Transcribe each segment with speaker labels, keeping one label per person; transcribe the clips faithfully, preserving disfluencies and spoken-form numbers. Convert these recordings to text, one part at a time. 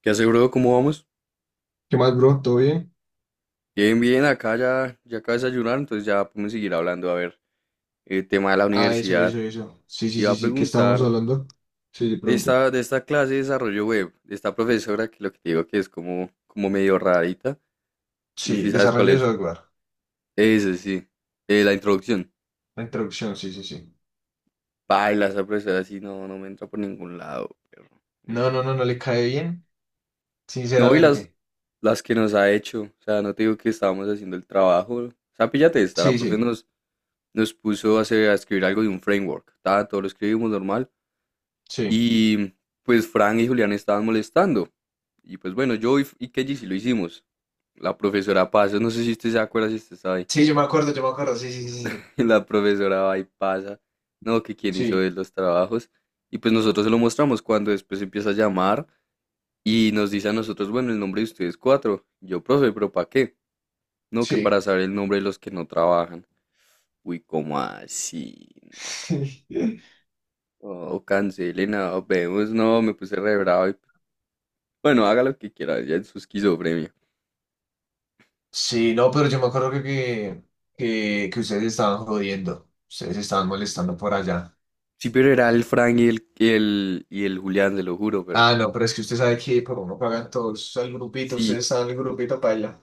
Speaker 1: ¿Qué hace, bro? ¿Cómo vamos?
Speaker 2: ¿Qué más, bro? ¿Todo bien?
Speaker 1: Bien, bien, acá ya, ya acabo de desayunar, entonces ya podemos seguir hablando. A ver, el tema de la
Speaker 2: Ah, eso,
Speaker 1: universidad.
Speaker 2: eso, eso. Sí,
Speaker 1: Te
Speaker 2: sí,
Speaker 1: iba
Speaker 2: sí,
Speaker 1: a
Speaker 2: sí. ¿Qué estábamos
Speaker 1: preguntar
Speaker 2: hablando? Sí, le
Speaker 1: de
Speaker 2: pregunté.
Speaker 1: esta, de esta clase de desarrollo web, de esta profesora que lo que te digo que es como, como medio rarita. Sí,
Speaker 2: Sí,
Speaker 1: sí, ¿sabes cuál
Speaker 2: desarrollo de
Speaker 1: es?
Speaker 2: software.
Speaker 1: Ese, sí. Eh, la introducción.
Speaker 2: La introducción, sí, sí, sí.
Speaker 1: Baila, esa profesora así no, no me entra por ningún lado, perro. Uy,
Speaker 2: No, no,
Speaker 1: no.
Speaker 2: no, no le cae bien,
Speaker 1: No, y las,
Speaker 2: sinceramente.
Speaker 1: las que nos ha hecho. O sea, no te digo que estábamos haciendo el trabajo. O sea, píllate esta, la
Speaker 2: Sí,
Speaker 1: profe
Speaker 2: sí,
Speaker 1: nos, nos puso a, hacer- a escribir algo de un framework. Ta, todo lo escribimos normal.
Speaker 2: sí.
Speaker 1: Y pues Fran y Julián estaban molestando. Y pues bueno, yo y, y Kelly sí lo hicimos. La profesora pasa, no sé si usted se acuerda si usted está ahí.
Speaker 2: Sí, yo me acuerdo, yo me acuerdo. Sí, sí, sí,
Speaker 1: La profesora va y pasa. No, que quién hizo de
Speaker 2: sí.
Speaker 1: los trabajos. Y pues nosotros se lo mostramos cuando después empieza a llamar y nos dice a nosotros, bueno, el nombre de ustedes cuatro. Yo, profe, pero ¿para qué? No, que para
Speaker 2: Sí,
Speaker 1: saber el nombre de los que no trabajan. Uy, ¿cómo así?
Speaker 2: sí.
Speaker 1: Oh, cancelena, vemos, no, me puse re bravo. y- Bueno, haga lo que quiera, ya es su esquizofrenia.
Speaker 2: Sí, no, pero yo me acuerdo que, que, que, que ustedes estaban jodiendo. Ustedes estaban molestando por allá.
Speaker 1: Sí, pero era el Frank y el, y el, y el Julián, se lo juro, pero
Speaker 2: Ah, no, pero es que usted sabe que por uno pagan todos el grupito. Ustedes
Speaker 1: sí.
Speaker 2: están en el grupito paila.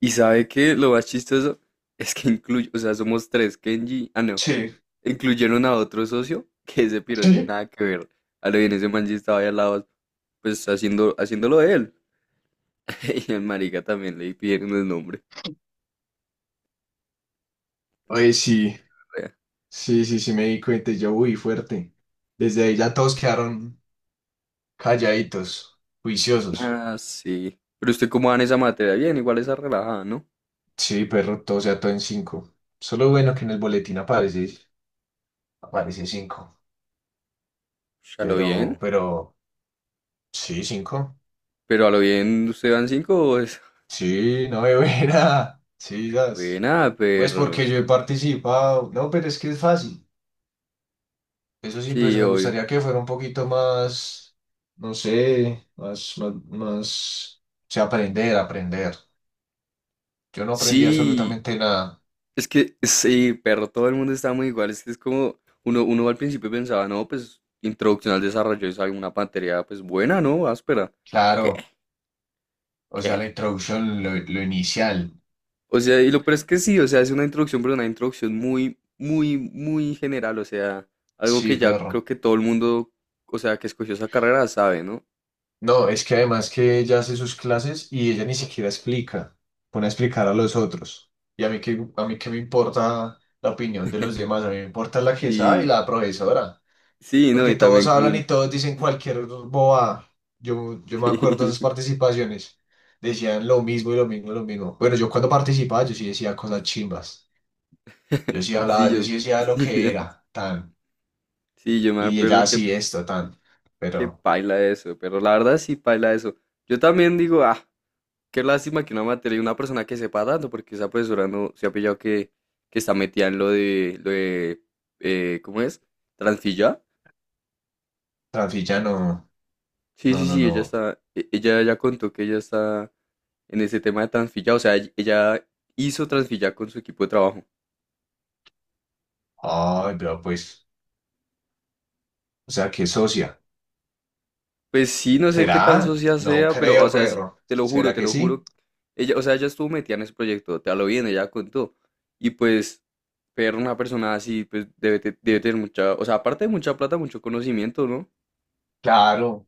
Speaker 1: ¿Y sabe qué? Lo más chistoso es que incluye, o sea, somos tres, Kenji, ah, no,
Speaker 2: Sí.
Speaker 1: incluyeron a otro socio que ese piro sin nada que ver. A lo bien, ese man sí estaba ahí al lado, pues haciendo, haciéndolo de él. Y al marica también le pidieron el nombre.
Speaker 2: Oye, sí. Sí, sí, sí, me di cuenta y yo, uy, fuerte. Desde ahí ya todos quedaron calladitos, juiciosos.
Speaker 1: Ah, sí. Pero usted, ¿cómo va en esa materia? Bien, igual esa relajada, ¿no?
Speaker 2: Sí, perro, todo o sea todo en cinco. Solo bueno que en el boletín aparece, aparece cinco.
Speaker 1: Ya lo
Speaker 2: Pero,
Speaker 1: bien.
Speaker 2: pero, sí, cinco.
Speaker 1: Pero a lo bien, ¿usted van cinco? Es
Speaker 2: Sí, no me buena. Sí, das.
Speaker 1: buena,
Speaker 2: Pues
Speaker 1: perro.
Speaker 2: porque yo he participado. No, pero es que es fácil. Eso sí, pues
Speaker 1: Sí,
Speaker 2: me
Speaker 1: obvio.
Speaker 2: gustaría que fuera un poquito más, no sé, más, más, más, o sea, aprender, aprender. Yo no aprendí
Speaker 1: Sí,
Speaker 2: absolutamente nada.
Speaker 1: es que sí, perro, todo el mundo está muy igual. Es que es como uno, uno al principio pensaba, no, pues introducción al desarrollo es alguna materia, pues buena, ¿no? Áspera. ¿Qué?
Speaker 2: Claro, o sea,
Speaker 1: ¿Qué?
Speaker 2: la introducción, lo, lo inicial.
Speaker 1: O sea, y lo peor es que sí, o sea, es una introducción, pero una introducción muy, muy, muy general. O sea, algo que
Speaker 2: Sí,
Speaker 1: ya
Speaker 2: perro.
Speaker 1: creo que todo el mundo, o sea, que escogió esa carrera sabe, ¿no?
Speaker 2: No, es que además que ella hace sus clases y ella ni siquiera explica, pone a explicar a los otros. Y a mí que a mí qué me importa la opinión de los demás, a mí me importa la que sabe y
Speaker 1: Sí,
Speaker 2: la profesora,
Speaker 1: sí, no,
Speaker 2: porque
Speaker 1: y
Speaker 2: todos
Speaker 1: también
Speaker 2: hablan y
Speaker 1: con.
Speaker 2: todos dicen cualquier boba. Yo, yo me acuerdo de esas participaciones, decían lo mismo y lo mismo y lo mismo. Bueno, yo cuando participaba yo sí decía cosas chimbas, yo sí
Speaker 1: Sí,
Speaker 2: hablaba, yo
Speaker 1: yo,
Speaker 2: sí decía lo
Speaker 1: sí,
Speaker 2: que era, tan.
Speaker 1: sí, yo me
Speaker 2: Y ella
Speaker 1: acuerdo que,
Speaker 2: así es total,
Speaker 1: que
Speaker 2: pero
Speaker 1: paila eso, pero la verdad sí paila eso. Yo también digo, ah, qué lástima que una materia y una persona que sepa tanto, porque esa profesora no se ha pillado que, que está metida en lo de, lo de, eh, ¿cómo es? ¿Transfilla?
Speaker 2: Rafilla no,
Speaker 1: Sí,
Speaker 2: no,
Speaker 1: sí,
Speaker 2: no,
Speaker 1: sí, ella
Speaker 2: no.
Speaker 1: está, e- ella ya contó que ella está en ese tema de transfilla, o sea, ella hizo transfilla con su equipo de trabajo.
Speaker 2: Ay, pero pues, o sea, ¿qué socia?
Speaker 1: Pues sí, no sé qué tan
Speaker 2: ¿Será?
Speaker 1: socia
Speaker 2: No
Speaker 1: sea, pero, o
Speaker 2: creo,
Speaker 1: sea, es-
Speaker 2: perro.
Speaker 1: te lo juro,
Speaker 2: ¿Será
Speaker 1: te
Speaker 2: que
Speaker 1: lo
Speaker 2: sí?
Speaker 1: juro. Ella, o sea, ella estuvo metida en ese proyecto, te lo bien, ella contó. Y pues, ver una persona así, pues debe, te- debe tener mucha, o sea, aparte de mucha plata, mucho conocimiento, ¿no?
Speaker 2: Claro,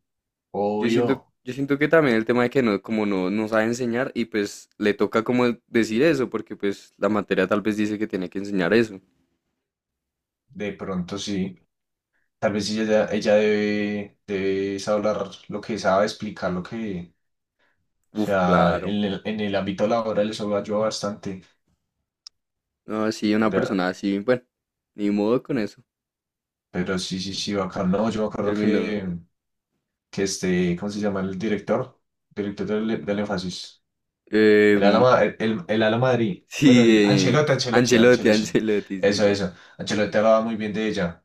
Speaker 1: Yo siento,
Speaker 2: obvio,
Speaker 1: yo siento que también el tema de que no, como no, no sabe enseñar y pues le toca como decir eso, porque pues la materia tal vez dice que tiene que enseñar eso.
Speaker 2: de pronto sí. Tal vez sí, ella, ella debe, debe hablar lo que sabe, explicar lo que, o
Speaker 1: Uf,
Speaker 2: sea,
Speaker 1: claro.
Speaker 2: en el, en el ámbito laboral eso lo ayuda bastante.
Speaker 1: No, sí, una
Speaker 2: Pero,
Speaker 1: persona así, bueno, ni modo con eso.
Speaker 2: pero sí, sí, sí, bacán. No, yo me acuerdo
Speaker 1: Terminó.
Speaker 2: que, que este, ¿cómo se llama el director? Director del, del énfasis. El
Speaker 1: em,
Speaker 2: Ala, el el, el Ala Madrid. Bueno,
Speaker 1: Sí,
Speaker 2: el
Speaker 1: eh,
Speaker 2: Ancelotti, Ancelotti,
Speaker 1: Ancelotti,
Speaker 2: Ancelotti.
Speaker 1: Ancelotti,
Speaker 2: Eso,
Speaker 1: sisas.
Speaker 2: eso. Ancelotti hablaba muy bien de ella.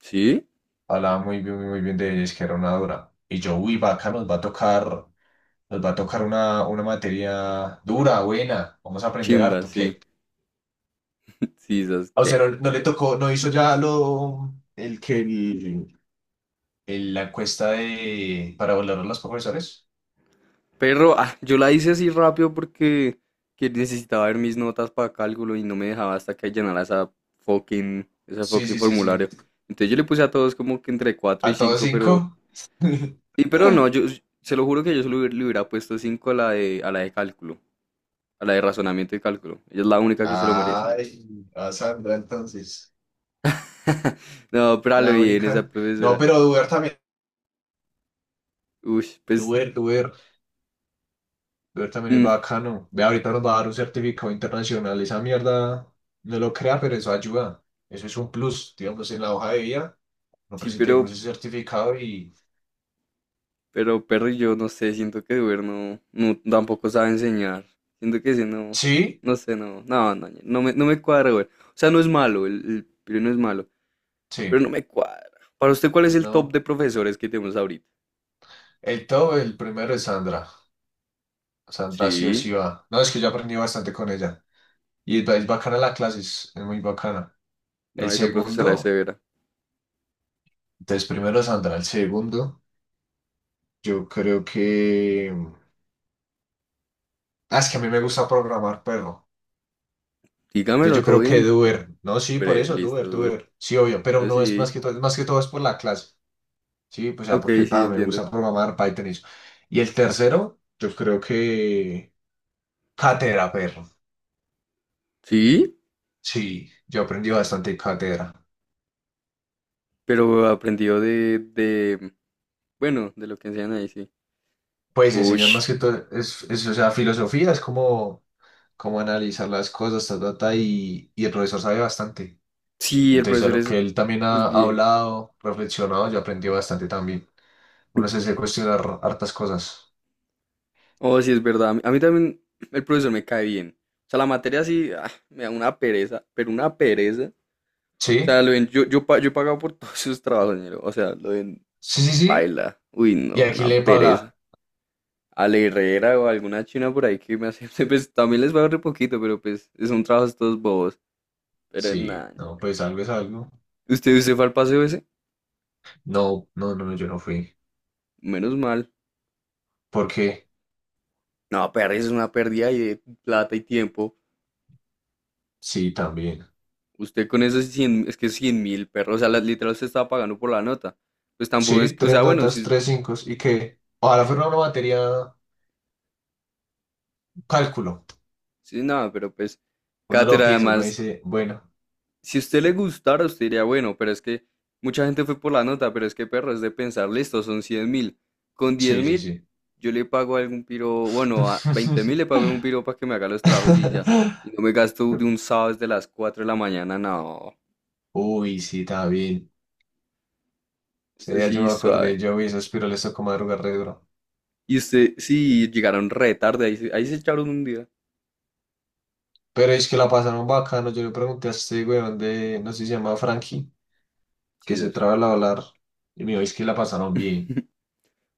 Speaker 1: ¿Sí?
Speaker 2: Hablaba muy bien, muy, muy bien de ella. Es que era una dura. Y yo, uy, vaca, nos va a tocar, nos va a tocar una, una materia dura, buena. Vamos a aprender
Speaker 1: Chimba,
Speaker 2: harto.
Speaker 1: sí.
Speaker 2: ¿Qué?
Speaker 1: Sisas,
Speaker 2: O sea
Speaker 1: ¿qué?
Speaker 2: no, no le tocó, no hizo ya lo, el que, el, el- la encuesta de, para valorar a los profesores.
Speaker 1: Pero ah, yo la hice así rápido porque que necesitaba ver mis notas para cálculo y no me dejaba hasta que llenara esa fucking, ese
Speaker 2: Sí,
Speaker 1: fucking
Speaker 2: sí, sí, sí.
Speaker 1: formulario. Entonces yo le puse a todos como que entre cuatro y
Speaker 2: ¿A todos
Speaker 1: cinco, pero.
Speaker 2: cinco?
Speaker 1: Sí, pero no, yo se lo juro que yo solo hubiera- le hubiera puesto cinco a la de, a la de cálculo, a la de razonamiento y cálculo. Ella es la única que se lo merece.
Speaker 2: Ay, a Sandra entonces.
Speaker 1: No, pero a lo
Speaker 2: La
Speaker 1: bien esa
Speaker 2: única. No,
Speaker 1: profesora.
Speaker 2: pero Duer también.
Speaker 1: Uy, pues.
Speaker 2: Duer, Duer. Duer también es
Speaker 1: mm,
Speaker 2: bacano. Ve, ahorita nos va a dar un certificado internacional. Esa mierda no lo crea, pero eso ayuda. Eso es un plus. Digamos, en la hoja de vida nos
Speaker 1: sí,
Speaker 2: presentamos
Speaker 1: pero.
Speaker 2: ese certificado y.
Speaker 1: Pero Perrillo, no sé, siento que Duer no, no, tampoco sabe enseñar. Siento que ese no,
Speaker 2: Sí,
Speaker 1: no sé, no, no, no, no me, no me cuadra, Duer. O sea, no es malo, el, el Piro no es malo,
Speaker 2: sí,
Speaker 1: pero no me cuadra. Para usted, ¿cuál es el top
Speaker 2: no.
Speaker 1: de profesores que tenemos ahorita?
Speaker 2: El todo, el primero es Sandra. Sandra sí o sí
Speaker 1: Sí,
Speaker 2: va. No, es que yo aprendí bastante con ella. Y es, es bacana la clase, es, es muy bacana.
Speaker 1: no,
Speaker 2: El
Speaker 1: esa profesora es
Speaker 2: segundo,
Speaker 1: severa.
Speaker 2: entonces primero Sandra. El segundo, yo creo que. Ah, es que a mí me gusta programar, perro. Entonces
Speaker 1: Dígamelo
Speaker 2: yo
Speaker 1: todo
Speaker 2: creo que
Speaker 1: bien.
Speaker 2: Duber, no, sí, por
Speaker 1: Bre,
Speaker 2: eso,
Speaker 1: listo,
Speaker 2: Duber,
Speaker 1: Duer.
Speaker 2: Duber, sí, obvio, pero no es más
Speaker 1: Así,
Speaker 2: que todo, más que todo es por la clase, sí, pues ya
Speaker 1: ok,
Speaker 2: porque
Speaker 1: sí,
Speaker 2: pa, me
Speaker 1: entiendo.
Speaker 2: gusta programar Python y eso. Y el tercero, yo creo que cátedra, perro,
Speaker 1: Sí,
Speaker 2: sí, yo aprendí bastante en cátedra.
Speaker 1: pero aprendió de, de, bueno, de lo que enseñan ahí, sí.
Speaker 2: Pues
Speaker 1: Uy,
Speaker 2: enseñan más que todo, es, es, o sea, filosofía, es como, como analizar las cosas, ta, ta, ta, y, y el profesor sabe bastante.
Speaker 1: sí, el
Speaker 2: Entonces a
Speaker 1: profesor
Speaker 2: lo
Speaker 1: es,
Speaker 2: que él también
Speaker 1: es
Speaker 2: ha
Speaker 1: bien.
Speaker 2: hablado, reflexionado, yo aprendí bastante también. Uno se hace cuestionar hartas cosas,
Speaker 1: Oh, sí, es verdad. A mí, a mí también el profesor me cae bien. O sea, la materia sí, ah, me da una pereza, pero una pereza. O
Speaker 2: sí.
Speaker 1: sea, lo ven, yo, yo, pa- yo he pagado por todos sus trabajos, ñero. O sea, lo ven,
Speaker 2: Sí, sí, sí.
Speaker 1: baila. Uy, no,
Speaker 2: ¿Y a
Speaker 1: me da
Speaker 2: quién
Speaker 1: una
Speaker 2: le
Speaker 1: pereza.
Speaker 2: paga?
Speaker 1: A la Herrera o a alguna china por ahí que me hace, pues también les pago re poquito, pero pues son trabajos todos bobos. Pero
Speaker 2: Sí,
Speaker 1: nada,
Speaker 2: no,
Speaker 1: ñero.
Speaker 2: pues algo es algo.
Speaker 1: ¿Usted, usted fue al paseo ese?
Speaker 2: No, no, no, no, yo no fui.
Speaker 1: Menos mal.
Speaker 2: ¿Por qué?
Speaker 1: No, pereza es una pérdida ahí de plata y tiempo.
Speaker 2: Sí, también.
Speaker 1: Usted con esos cien es que cien mil perros, o sea, la- literal usted estaba pagando por la nota. Pues
Speaker 2: Sí,
Speaker 1: tampoco es que, o
Speaker 2: tres
Speaker 1: sea, bueno,
Speaker 2: notas,
Speaker 1: si
Speaker 2: tres cinco. ¿Y qué? Ojalá fuera una materia cálculo.
Speaker 1: si nada, pero pues,
Speaker 2: Uno lo
Speaker 1: cátedra,
Speaker 2: piensa, uno
Speaker 1: además,
Speaker 2: dice, bueno,
Speaker 1: si usted le gustara, usted diría, bueno, pero es que mucha gente fue por la nota, pero es que perro, es de pensar, listo, son cien mil. Con diez
Speaker 2: sí, sí,
Speaker 1: mil,
Speaker 2: sí.
Speaker 1: yo le pago a algún piro, bueno, a veinte mil le pago a algún piro para que me haga los trabajos y ya. Y no me gasto de un sábado desde las cuatro de la mañana, no,
Speaker 2: Uy, sí, también. Ese
Speaker 1: eso
Speaker 2: día yo
Speaker 1: sí,
Speaker 2: me acordé,
Speaker 1: suave.
Speaker 2: yo vi esos piroles tocó madrugar re duro.
Speaker 1: Y usted, sí, llegaron re tarde, ahí, se- ahí se echaron un día.
Speaker 2: Pero es que la pasaron bacano. Yo le pregunté a este weón de, no sé si se llama Frankie.
Speaker 1: Sí,
Speaker 2: Que se
Speaker 1: eso.
Speaker 2: traba al hablar. Y me dijo, es que la pasaron bien.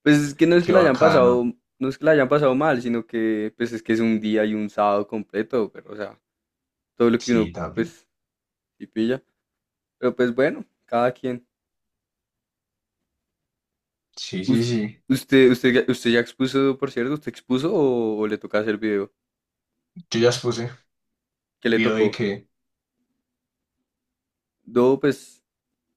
Speaker 1: Pues es que no es que
Speaker 2: Qué
Speaker 1: la hayan pasado,
Speaker 2: bacano.
Speaker 1: no es que la hayan pasado mal, sino que pues es que es un día y un sábado completo, pero o sea, todo lo que
Speaker 2: Sí,
Speaker 1: uno
Speaker 2: también.
Speaker 1: pues sí pilla. Pero pues bueno, cada quien.
Speaker 2: Sí, sí,
Speaker 1: Us-
Speaker 2: sí.
Speaker 1: usted, usted, ya- usted ya expuso, por cierto, ¿usted expuso o, o le toca hacer video?
Speaker 2: Yo ya expuse.
Speaker 1: ¿Qué le
Speaker 2: Vio de
Speaker 1: tocó?
Speaker 2: que.
Speaker 1: No, pues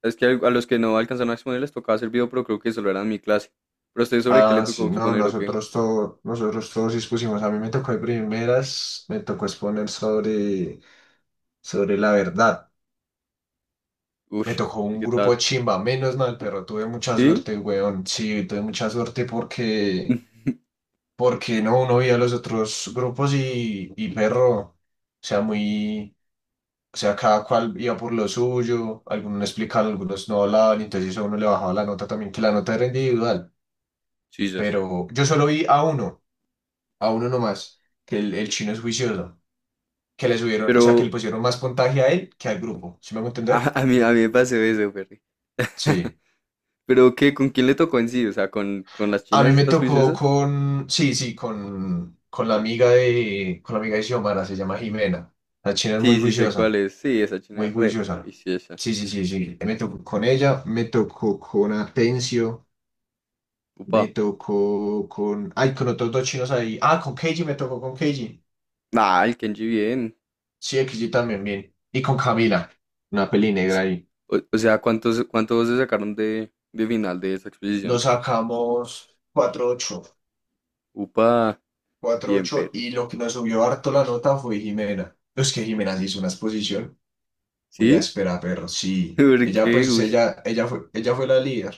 Speaker 1: es que a los que no alcanzaron a exponer les tocaba hacer video, pero creo que solo eran mi clase. Pero a usted, ¿sobre qué le
Speaker 2: Ah,
Speaker 1: tocó
Speaker 2: sí, no,
Speaker 1: exponer o qué?
Speaker 2: nosotros todos, nosotros todos expusimos. A mí me tocó de primeras, me tocó exponer sobre, sobre la verdad.
Speaker 1: Uy,
Speaker 2: Me tocó
Speaker 1: ¿y
Speaker 2: un
Speaker 1: qué
Speaker 2: grupo
Speaker 1: tal?
Speaker 2: chimba, menos mal, pero tuve mucha
Speaker 1: ¿Sí?
Speaker 2: suerte, weón. Sí, tuve mucha suerte porque, porque no, uno veía los otros grupos y, y perro, o sea, muy. O sea, cada cual iba por lo suyo, algunos no explicaban, algunos no hablaban, y entonces eso a uno le bajaba la nota también, que la nota era individual.
Speaker 1: Jesus.
Speaker 2: Pero yo solo vi a uno, a uno nomás, que el, el chino es juicioso, que le subieron, o sea, que le
Speaker 1: Pero
Speaker 2: pusieron más puntaje a él que al grupo. ¿Sí me hago entender?
Speaker 1: a, a mí, a mí me pasó eso, Perry.
Speaker 2: Sí.
Speaker 1: ¿Pero qué? ¿Con quién le tocó en sí? O sea, ¿con, con las
Speaker 2: A mí
Speaker 1: chinas
Speaker 2: me
Speaker 1: estas
Speaker 2: tocó
Speaker 1: juiciosas?
Speaker 2: con, sí, sí, con, con la amiga de, con la amiga de Xiomara, se llama Jimena. La china es muy
Speaker 1: Sí, sí sé cuál
Speaker 2: juiciosa,
Speaker 1: es. Sí, esa china
Speaker 2: muy
Speaker 1: es re
Speaker 2: juiciosa.
Speaker 1: juiciosa.
Speaker 2: Sí, sí, sí, sí. Me tocó con ella, me tocó con Atencio. Me
Speaker 1: Upa.
Speaker 2: tocó con. Ay, con otros dos chinos ahí. Ah, con Keiji me tocó con Keiji.
Speaker 1: Ah, el Kenji bien.
Speaker 2: Sí, Keiji también, bien. Y con Camila, una peli
Speaker 1: S-
Speaker 2: negra ahí.
Speaker 1: O, o sea, ¿cuántos, cuántos se sacaron de, de final de esa
Speaker 2: Nos
Speaker 1: exposición?
Speaker 2: sacamos cuatro ocho,
Speaker 1: Upa,
Speaker 2: cuatro
Speaker 1: bien,
Speaker 2: ocho
Speaker 1: Perry.
Speaker 2: Y lo que nos subió harto la nota fue Jimena. Es que Jimena se hizo una exposición. Muy
Speaker 1: ¿Sí?
Speaker 2: áspera, perro. Sí.
Speaker 1: ¿Por
Speaker 2: Ella,
Speaker 1: qué?
Speaker 2: pues,
Speaker 1: Uy.
Speaker 2: ella, ella fue, ella fue la líder.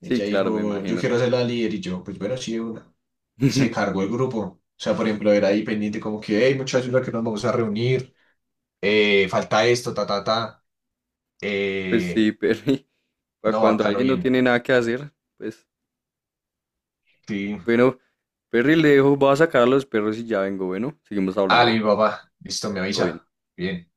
Speaker 1: Sí,
Speaker 2: Ella
Speaker 1: claro, me
Speaker 2: dijo, yo
Speaker 1: imagino.
Speaker 2: quiero ser la líder. Y yo, pues bueno, sí, de una. Y se cargó el grupo. O sea, por ejemplo, era ahí pendiente como que, hey, muchachos, ¿no? Que nos vamos a reunir, eh, falta esto, ta, ta, ta.
Speaker 1: Pues sí,
Speaker 2: Eh,
Speaker 1: Perry. Para
Speaker 2: no,
Speaker 1: cuando
Speaker 2: acá no
Speaker 1: alguien no
Speaker 2: bien.
Speaker 1: tiene nada que hacer, pues.
Speaker 2: Sí.
Speaker 1: Bueno, Perry, le dejo, voy a sacar a los perros y ya vengo. Bueno, seguimos
Speaker 2: Ah, le
Speaker 1: hablando.
Speaker 2: digo, papá, listo, me
Speaker 1: Todo bien.
Speaker 2: avisa. Bien.